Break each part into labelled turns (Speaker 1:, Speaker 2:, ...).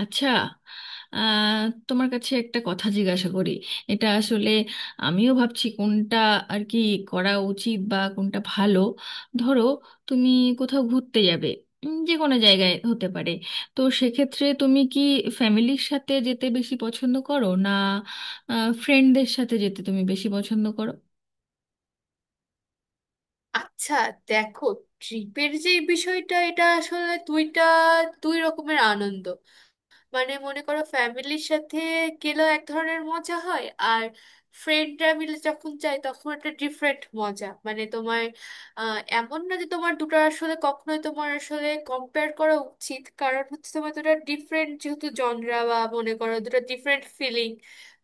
Speaker 1: আচ্ছা, আহ, তোমার কাছে একটা কথা জিজ্ঞাসা করি। এটা আসলে আমিও ভাবছি কোনটা আর কি করা উচিত বা কোনটা ভালো। ধরো তুমি কোথাও ঘুরতে যাবে, যে কোনো জায়গায় হতে পারে। তো সেক্ষেত্রে তুমি কি ফ্যামিলির সাথে যেতে বেশি পছন্দ করো, না ফ্রেন্ডদের সাথে যেতে তুমি বেশি পছন্দ করো?
Speaker 2: আচ্ছা, দেখো, ট্রিপের যে বিষয়টা এটা আসলে দুইটা দুই রকমের আনন্দ। মানে মনে করো, ফ্যামিলির সাথে গেলেও এক ধরনের মজা হয়, আর ফ্রেন্ডরা মিলে যখন যায় তখন একটা ডিফারেন্ট মজা। মানে তোমার এমন না যে তোমার দুটো আসলে কখনোই তোমার আসলে কম্পেয়ার করা উচিত, কারণ হচ্ছে তোমার দুটো ডিফারেন্ট, যেহেতু জনরা, বা মনে করো দুটো ডিফারেন্ট ফিলিং।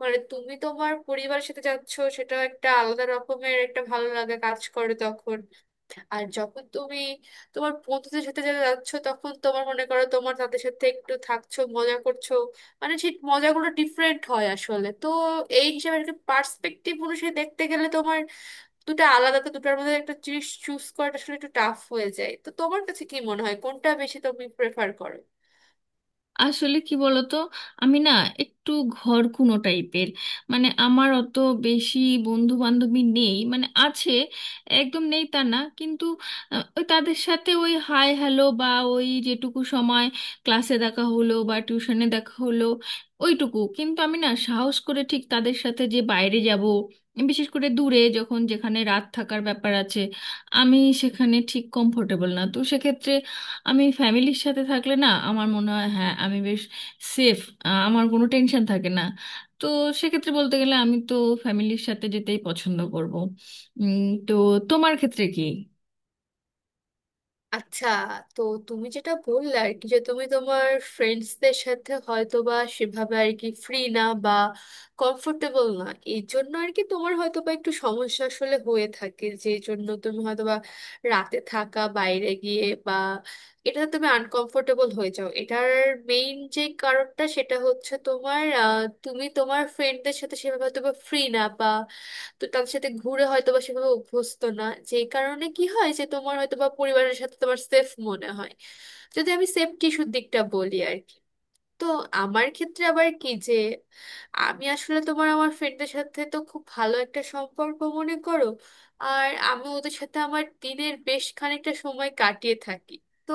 Speaker 2: মানে তুমি তোমার পরিবারের সাথে যাচ্ছ, সেটা একটা আলাদা রকমের একটা ভালো লাগা কাজ করে তখন। আর যখন তুমি তোমার বন্ধুদের সাথে যারা যাচ্ছ, তখন তোমার মনে করো তোমার তাদের সাথে একটু থাকছো, মজা করছো। মানে সেই মজাগুলো ডিফারেন্ট হয় আসলে। তো এই হিসাবে একটা পার্সপেক্টিভ অনুসারে দেখতে গেলে তোমার দুটো আলাদা, তো দুটার মধ্যে একটা জিনিস চুজ করাটা আসলে একটু টাফ হয়ে যায়। তো তোমার কাছে কি মনে হয়, কোনটা বেশি তুমি প্রেফার করো?
Speaker 1: আসলে কি বলতো, আমি না একটু ঘরকুনো টাইপের। মানে আমার অত বেশি বন্ধু বান্ধবী নেই, মানে আছে, একদম নেই তা না, কিন্তু ওই তাদের সাথে ওই হাই হ্যালো, বা ওই যেটুকু সময় ক্লাসে দেখা হলো বা টিউশনে দেখা হলো ওইটুকু। কিন্তু আমি না সাহস করে ঠিক তাদের সাথে যে বাইরে যাব, বিশেষ করে দূরে যখন যেখানে রাত থাকার ব্যাপার আছে, আমি সেখানে ঠিক কমফোর্টেবল না। তো সেক্ষেত্রে আমি ফ্যামিলির সাথে থাকলে না আমার মনে হয় হ্যাঁ আমি বেশ সেফ, আমার কোনো টেনশন থাকে না। তো সেক্ষেত্রে বলতে গেলে আমি তো ফ্যামিলির সাথে যেতেই পছন্দ করব। উম, তো তোমার ক্ষেত্রে কি?
Speaker 2: আচ্ছা, তো তুমি যেটা বললে আর কি, যে তুমি তোমার ফ্রেন্ডসদের সাথে হয়তো বা সেভাবে আর কি ফ্রি না, বা কমফোর্টেবল না, এই জন্য আর কি তোমার হয়তো বা একটু সমস্যা আসলে হয়ে থাকে, যে জন্য তুমি হয়তো বা রাতে থাকা বাইরে গিয়ে বা এটাতে তুমি আনকমফোর্টেবল হয়ে যাও। এটার মেইন যে কারণটা সেটা হচ্ছে তোমার তুমি তোমার ফ্রেন্ডদের সাথে সেভাবে হয়তো বা ফ্রি না, তো তাদের সাথে ঘুরে হয়তো বা সেভাবে অভ্যস্ত না। যেই কারণে কি হয়, যে তোমার হয়তো বা পরিবারের সাথে তোমার সেফ মনে হয়, যদি আমি সেফটি ইস্যুর দিকটা বলি আর কি। তো আমার ক্ষেত্রে আবার কি, যে আমি আসলে তোমার আমার ফ্রেন্ডদের সাথে তো খুব ভালো একটা সম্পর্ক মনে করো, আর আমি ওদের সাথে আমার দিনের বেশ খানিকটা সময় কাটিয়ে থাকি। তো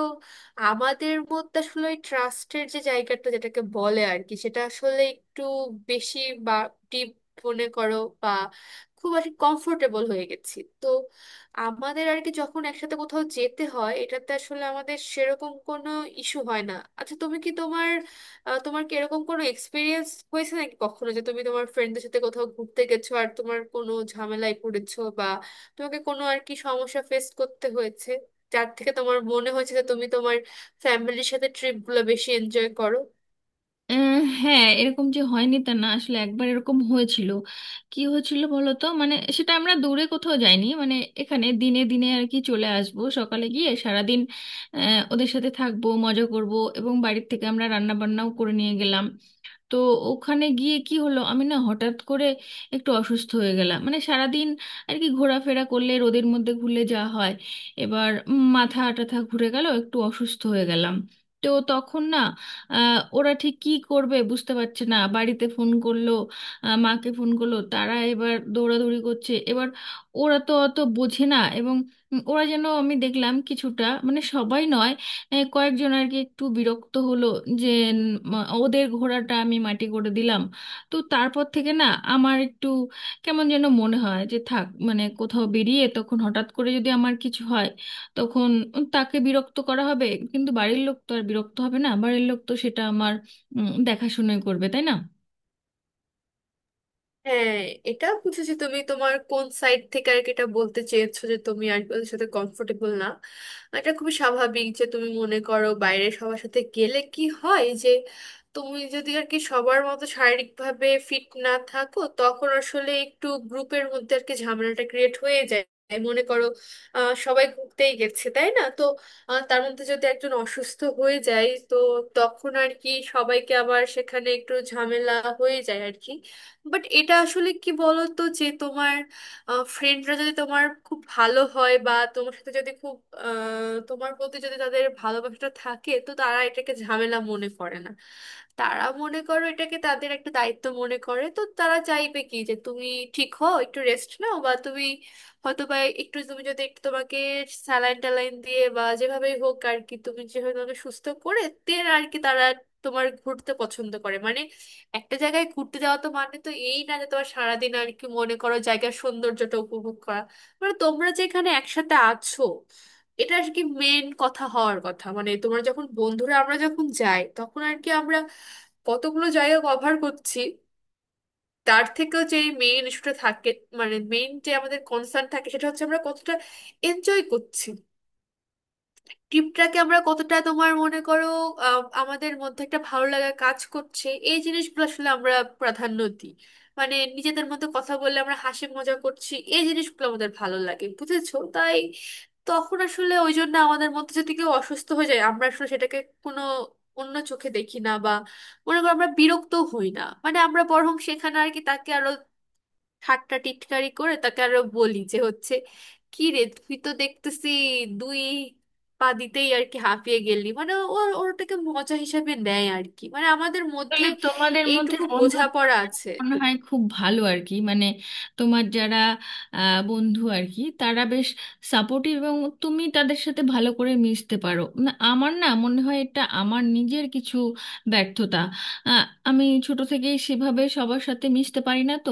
Speaker 2: আমাদের মধ্যে আসলে ওই ট্রাস্টের যে জায়গাটা, যেটাকে বলে আর কি, সেটা আসলে একটু বেশি বা ডিপ, মনে করো, বা খুব আর কমফোর্টেবল হয়ে গেছি। তো আমাদের আর কি যখন একসাথে কোথাও যেতে হয়, এটাতে আসলে আমাদের সেরকম কোনো ইস্যু হয় না। আচ্ছা, তুমি কি তোমার তোমার কি এরকম কোনো এক্সপিরিয়েন্স হয়েছে নাকি কখনো, যে তুমি তোমার ফ্রেন্ডদের সাথে কোথাও ঘুরতে গেছো আর তোমার কোনো ঝামেলায় পড়েছো, বা তোমাকে কোনো আর কি সমস্যা ফেস করতে হয়েছে, যার থেকে তোমার মনে হয়েছে যে তুমি তোমার ফ্যামিলির সাথে ট্রিপগুলো বেশি এনজয় করো?
Speaker 1: আহ, হ্যাঁ, এরকম যে হয়নি তা না, আসলে একবার এরকম হয়েছিল। কি হয়েছিল বলো তো, মানে সেটা আমরা দূরে কোথাও যাইনি, মানে এখানে দিনে দিনে আর কি চলে আসবো, সকালে গিয়ে সারাদিন ওদের সাথে থাকবো মজা করব। এবং বাড়ির থেকে আমরা রান্না বান্নাও করে নিয়ে গেলাম। তো ওখানে গিয়ে কি হলো, আমি না হঠাৎ করে একটু অসুস্থ হয়ে গেলাম। মানে সারাদিন আর কি ঘোরাফেরা করলে রোদের মধ্যে ঘুরলে যা হয়, এবার মাথা টাথা ঘুরে গেল, একটু অসুস্থ হয়ে গেলাম। তো তখন না ওরা ঠিক কি করবে বুঝতে পারছে না, বাড়িতে ফোন করলো, মাকে ফোন করলো, তারা এবার দৌড়াদৌড়ি করছে। এবার ওরা তো অত বোঝে না, এবং ওরা যেন আমি দেখলাম কিছুটা, মানে সবাই নয়, কয়েকজন আর কি একটু বিরক্ত হলো যে উম, ওদের ঘোড়াটা আমি মাটি করে দিলাম। তো তারপর থেকে না আমার একটু কেমন যেন মনে হয় যে থাক, মানে কোথাও বেরিয়ে তখন হঠাৎ করে যদি আমার কিছু হয় তখন তাকে বিরক্ত করা হবে। কিন্তু বাড়ির লোক তো আর বিরক্ত হবে না, বাড়ির লোক তো সেটা আমার দেখাশুনোই করবে, তাই না?
Speaker 2: হ্যাঁ, এটা বুঝেছি, তুমি তোমার কোন সাইড থেকে আর কি এটা বলতে চেয়েছো, যে তুমি আর কি ওদের সাথে কমফোর্টেবল না। এটা খুবই স্বাভাবিক যে তুমি মনে করো বাইরে সবার সাথে গেলে কি হয়, যে তুমি যদি আর কি সবার মতো শারীরিকভাবে ফিট না থাকো, তখন আসলে একটু গ্রুপের মধ্যে আর কি ঝামেলাটা ক্রিয়েট হয়ে যায়। মনে করো, সবাই ঘুরতেই গেছে তাই না, তো তার মধ্যে যদি একজন অসুস্থ হয়ে যায়, তো তখন আর কি সবাইকে আবার সেখানে একটু ঝামেলা হয়ে যায় আর কি। বাট এটা আসলে কি বলতো, যে তোমার ফ্রেন্ডরা যদি তোমার খুব ভালো হয়, বা তোমার সাথে যদি খুব তোমার প্রতি যদি তাদের ভালোবাসাটা থাকে, তো তারা এটাকে ঝামেলা মনে করে না। তারা মনে করো এটাকে তাদের একটা দায়িত্ব মনে করে। তো তারা চাইবে কি, যে তুমি ঠিক হও, একটু রেস্ট নাও, বা তুমি হয়তো বা একটু তুমি যদি একটু তোমাকে স্যালাইন ট্যালাইন দিয়ে বা যেভাবেই হোক আর কি, তুমি যেভাবে তোমাকে সুস্থ করে দেন আর কি, তারা তোমার ঘুরতে পছন্দ করে। মানে একটা জায়গায় ঘুরতে যাওয়া, তো মানে তো এই না যে তোমার সারাদিন আর কি মনে করো জায়গার সৌন্দর্যটা উপভোগ করা, মানে তোমরা যেখানে একসাথে আছো এটা আর কি মেন কথা হওয়ার কথা। মানে তোমরা যখন বন্ধুরা, আমরা যখন যাই, তখন আর কি আমরা কতগুলো জায়গা কভার করছি তার থেকেও যে মেইন ইস্যুটা থাকে, মানে মেইন যে আমাদের কনসার্ন থাকে, সেটা হচ্ছে আমরা কতটা এনজয় করছি, টিমটাকে আমরা কতটা তোমার মনে করো আমাদের মধ্যে একটা ভালো লাগা কাজ করছে, এই জিনিসগুলো আসলে আমরা প্রাধান্য দিই। মানে নিজেদের মধ্যে কথা বললে আমরা হাসি মজা করছি, এই জিনিসগুলো আমাদের ভালো লাগে, বুঝেছো? তাই তখন আসলে ওই জন্য আমাদের মধ্যে যদি কেউ অসুস্থ হয়ে যায়, আমরা আসলে সেটাকে কোনো অন্য চোখে দেখি না, বা মনে করো আমরা বিরক্ত হই না। মানে আমরা বরং সেখানে আর কি তাকে আরো ঠাট্টা টিটকারি করে তাকে আরো বলি, যে হচ্ছে কি রে, তুই তো দেখতেছি দুই পা দিতেই আর কি হাঁপিয়ে গেলি। মানে ওর ওটাকে মজা হিসাবে নেয় আর কি, মানে আমাদের মধ্যে
Speaker 1: তাহলে তোমাদের মধ্যে
Speaker 2: এইটুকু
Speaker 1: বন্ধুত্ব
Speaker 2: বোঝাপড়া আছে।
Speaker 1: মনে হয় খুব ভালো আর কি, মানে তোমার যারা বন্ধু আর কি তারা বেশ সাপোর্টিভ। এবং তুমি তাদের সাথে ভালো করে মিশতে পারো না, আমার না মনে হয় এটা আমার নিজের কিছু ব্যর্থতা। আমি ছোট থেকেই সেভাবে সবার সাথে মিশতে পারি না। তো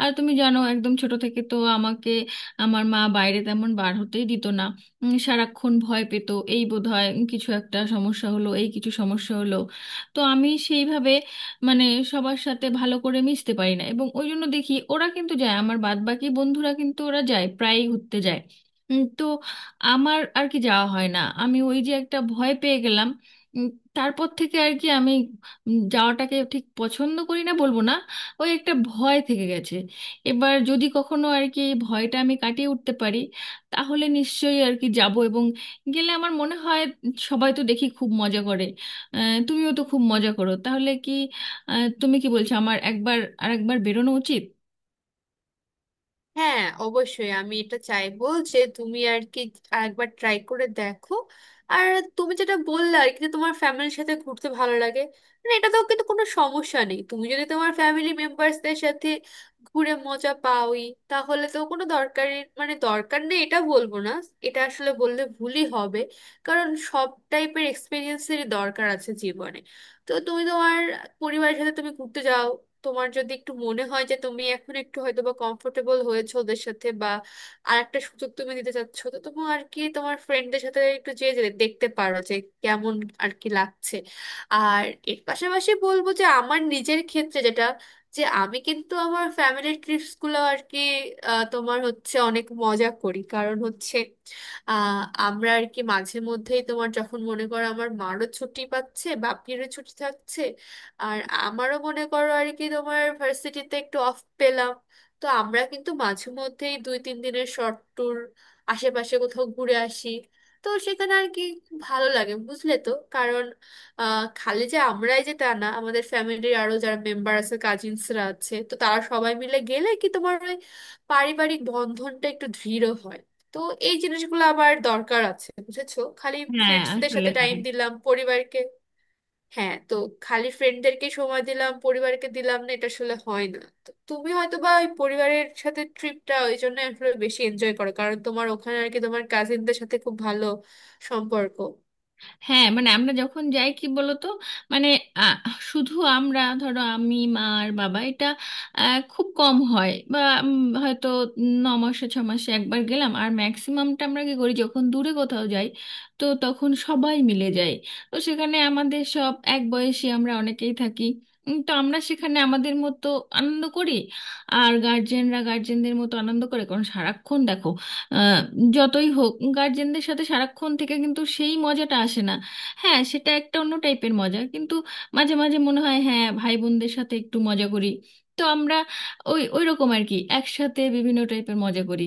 Speaker 1: আর তুমি জানো, একদম ছোট থেকে তো আমাকে আমার মা বাইরে তেমন বার হতেই দিত না, সারাক্ষণ ভয় পেত, এই বোধহয় কিছু একটা সমস্যা হলো, এই কিছু সমস্যা হলো। তো আমি সেইভাবে মানে সবার সাথে ভালো করে মিশতে পারি না, এবং ওই জন্য দেখি ওরা কিন্তু যায়, আমার বাদবাকি বন্ধুরা কিন্তু ওরা যায়, প্রায়ই ঘুরতে যায়। তো আমার আর কি যাওয়া হয় না, আমি ওই যে একটা ভয় পেয়ে গেলাম। উম, তারপর থেকে আর কি আমি যাওয়াটাকে ঠিক পছন্দ করি না বলবো না, ওই একটা ভয় থেকে গেছে। এবার যদি কখনো আর কি এই ভয়টা আমি কাটিয়ে উঠতে পারি তাহলে নিশ্চয়ই আর কি যাব। এবং গেলে আমার মনে হয় সবাই তো দেখি খুব মজা করে, তুমিও তো খুব মজা করো। তাহলে কি তুমি কি বলছো আমার একবার একবার বেরোনো উচিত?
Speaker 2: হ্যাঁ, অবশ্যই আমি এটা চাইবো যে তুমি আর কি একবার ট্রাই করে দেখো। আর তুমি যেটা বললে আর কি, যে তোমার ফ্যামিলির সাথে ঘুরতে ভালো লাগে, মানে এটা তো কিন্তু কোনো সমস্যা নেই। তুমি যদি তোমার ফ্যামিলি মেম্বার্সদের সাথে ঘুরে মজা পাওই, তাহলে তো কোনো দরকারই মানে দরকার নেই এটা বলবো না, এটা আসলে বললে ভুলই হবে। কারণ সব টাইপের এক্সপিরিয়েন্সেরই দরকার আছে জীবনে। তো তুমি তোমার পরিবারের সাথে তুমি ঘুরতে যাও, তোমার যদি একটু মনে হয় যে তুমি এখন একটু হয়তো বা কমফোর্টেবল হয়েছো ওদের সাথে, বা আরেকটা সুযোগ তুমি দিতে চাচ্ছ, তো তুমি আর কি তোমার ফ্রেন্ডদের সাথে একটু যেয়ে যে দেখতে পারো, যে কেমন আর কি লাগছে। আর এর পাশাপাশি বলবো, যে আমার নিজের ক্ষেত্রে যেটা, যে আমি কিন্তু আমার ফ্যামিলির ট্রিপস গুলো আর কি তোমার হচ্ছে অনেক মজা করি, কারণ হচ্ছে আহ আমরা আর কি মাঝে মধ্যেই তোমার যখন মনে করো আমার মারও ছুটি পাচ্ছে, বাপিরও ছুটি থাকছে, আর আমারও মনে করো আর কি তোমার ভার্সিটিতে একটু অফ পেলাম, তো আমরা কিন্তু মাঝে মধ্যেই দুই তিন দিনের শর্ট ট্যুর আশেপাশে কোথাও ঘুরে আসি। তো সেখানে আর কি ভালো লাগে, বুঝলে? তো কারণ খালি যে আমরাই যে তা না, আমাদের ফ্যামিলির আরো যারা মেম্বার আছে, কাজিনসরা আছে, তো তারা সবাই মিলে গেলে কি তোমার ওই পারিবারিক বন্ধনটা একটু দৃঢ় হয়। তো এই জিনিসগুলো আবার দরকার আছে, বুঝেছো? খালি
Speaker 1: হ্যাঁ
Speaker 2: ফ্রেন্ডসদের
Speaker 1: আসলে
Speaker 2: সাথে টাইম
Speaker 1: তাই।
Speaker 2: দিলাম পরিবারকে, হ্যাঁ, তো খালি ফ্রেন্ডদেরকে সময় দিলাম, পরিবারকে দিলাম না, এটা আসলে হয় না। তো তুমি হয়তো বা ওই পরিবারের সাথে ট্রিপটা ওই জন্য আসলে বেশি এনজয় করো, কারণ তোমার ওখানে আর কি তোমার কাজিনদের সাথে খুব ভালো সম্পর্ক।
Speaker 1: হ্যাঁ মানে আমরা যখন যাই কি বলতো, মানে আহ, শুধু আমরা ধরো আমি, মা আর বাবা, এটা খুব কম হয়। বা হয়তো ন মাসে ছ মাসে একবার গেলাম। আর ম্যাক্সিমামটা আমরা কি করি, যখন দূরে কোথাও যাই তো তখন সবাই মিলে যাই। তো সেখানে আমাদের সব এক বয়সী আমরা অনেকেই থাকি। তো আমরা সেখানে আমাদের মতো আনন্দ করি, আর গার্জেনরা গার্জেনদের মতো আনন্দ করে। কারণ সারাক্ষণ দেখো আহ, যতই হোক, গার্জেনদের সাথে সারাক্ষণ থেকে কিন্তু সেই মজাটা আসে না। হ্যাঁ, সেটা একটা অন্য টাইপের মজা, কিন্তু মাঝে মাঝে মনে হয় হ্যাঁ, ভাই বোনদের সাথে একটু মজা করি। তো আমরা ওই ওই রকম আর কি একসাথে বিভিন্ন টাইপের মজা করি।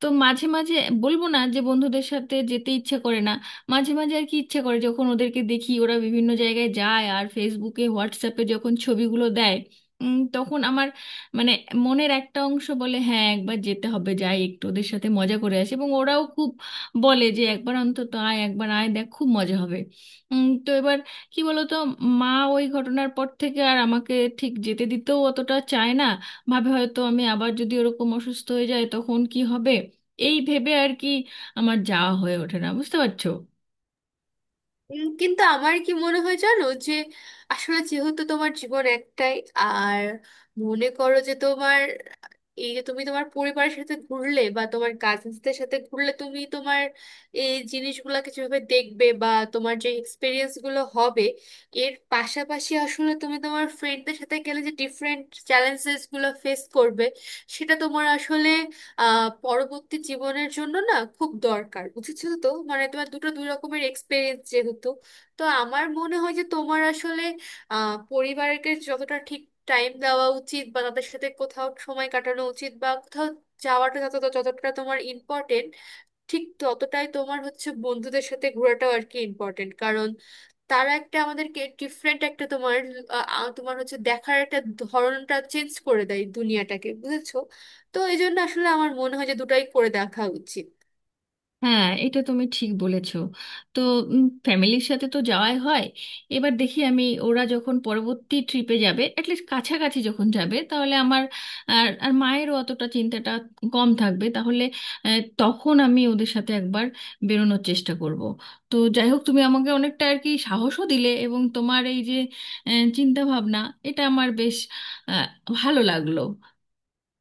Speaker 1: তো মাঝে মাঝে বলবো না যে বন্ধুদের সাথে যেতে ইচ্ছে করে না, মাঝে মাঝে আর কি ইচ্ছে করে, যখন ওদেরকে দেখি ওরা বিভিন্ন জায়গায় যায় আর ফেসবুকে হোয়াটসঅ্যাপে যখন ছবিগুলো দেয়, তখন আমার মানে মনের একটা অংশ বলে হ্যাঁ, একবার যেতে হবে, যাই একটু ওদের সাথে মজা করে আসি। এবং ওরাও খুব বলে যে একবার অন্তত আয়, একবার আয় দেখ খুব মজা হবে। তো এবার কি বলতো, মা ওই ঘটনার পর থেকে আর আমাকে ঠিক যেতে দিতেও অতটা চায় না। ভাবে হয়তো আমি আবার যদি ওরকম অসুস্থ হয়ে যায় তখন কি হবে, এই ভেবে আর কি আমার যাওয়া হয়ে ওঠে না, বুঝতে পারছো?
Speaker 2: কিন্তু আমার কি মনে হয় জানো, যে আসলে যেহেতু তোমার জীবন একটাই, আর মনে করো যে তোমার এই যে তুমি তোমার পরিবারের সাথে ঘুরলে বা তোমার কাজিনসদের সাথে ঘুরলে, তুমি তোমার এই জিনিসগুলোকে যেভাবে দেখবে, বা তোমার যে এক্সপিরিয়েন্স গুলো হবে, এর পাশাপাশি আসলে তুমি তোমার ফ্রেন্ডদের সাথে গেলে যে ডিফারেন্ট চ্যালেঞ্জেস গুলো ফেস করবে, সেটা তোমার আসলে পরবর্তী জীবনের জন্য না খুব দরকার, বুঝেছো? তো মানে তোমার দুটো দুই রকমের এক্সপিরিয়েন্স যেহেতু, তো আমার মনে হয় যে তোমার আসলে পরিবারকে যতটা ঠিক টাইম দেওয়া উচিত বা তাদের সাথে কোথাও সময় কাটানো উচিত বা কোথাও যাওয়াটা যত যতটা তোমার ইম্পর্টেন্ট, ঠিক ততটাই তোমার হচ্ছে বন্ধুদের সাথে ঘোরাটাও আর কি ইম্পর্টেন্ট। কারণ তারা একটা আমাদেরকে ডিফারেন্ট একটা তোমার আহ, আহ, তোমার হচ্ছে দেখার একটা ধরনটা চেঞ্জ করে দেয় দুনিয়াটাকে, বুঝেছো? তো এই জন্য আসলে আমার মনে হয় যে দুটাই করে দেখা উচিত।
Speaker 1: হ্যাঁ, এটা তুমি ঠিক বলেছো। তো ফ্যামিলির সাথে তো যাওয়াই হয়, এবার দেখি আমি, ওরা যখন পরবর্তী ট্রিপে যাবে অ্যাটলিস্ট কাছাকাছি যখন যাবে, তাহলে আমার আর আর মায়েরও অতটা চিন্তাটা কম থাকবে তাহলে। তখন আমি ওদের সাথে একবার বেরোনোর চেষ্টা করব। তো যাই হোক, তুমি আমাকে অনেকটা আর কি সাহসও দিলে, এবং তোমার এই যে চিন্তা ভাবনা এটা আমার বেশ আহ, ভালো লাগলো।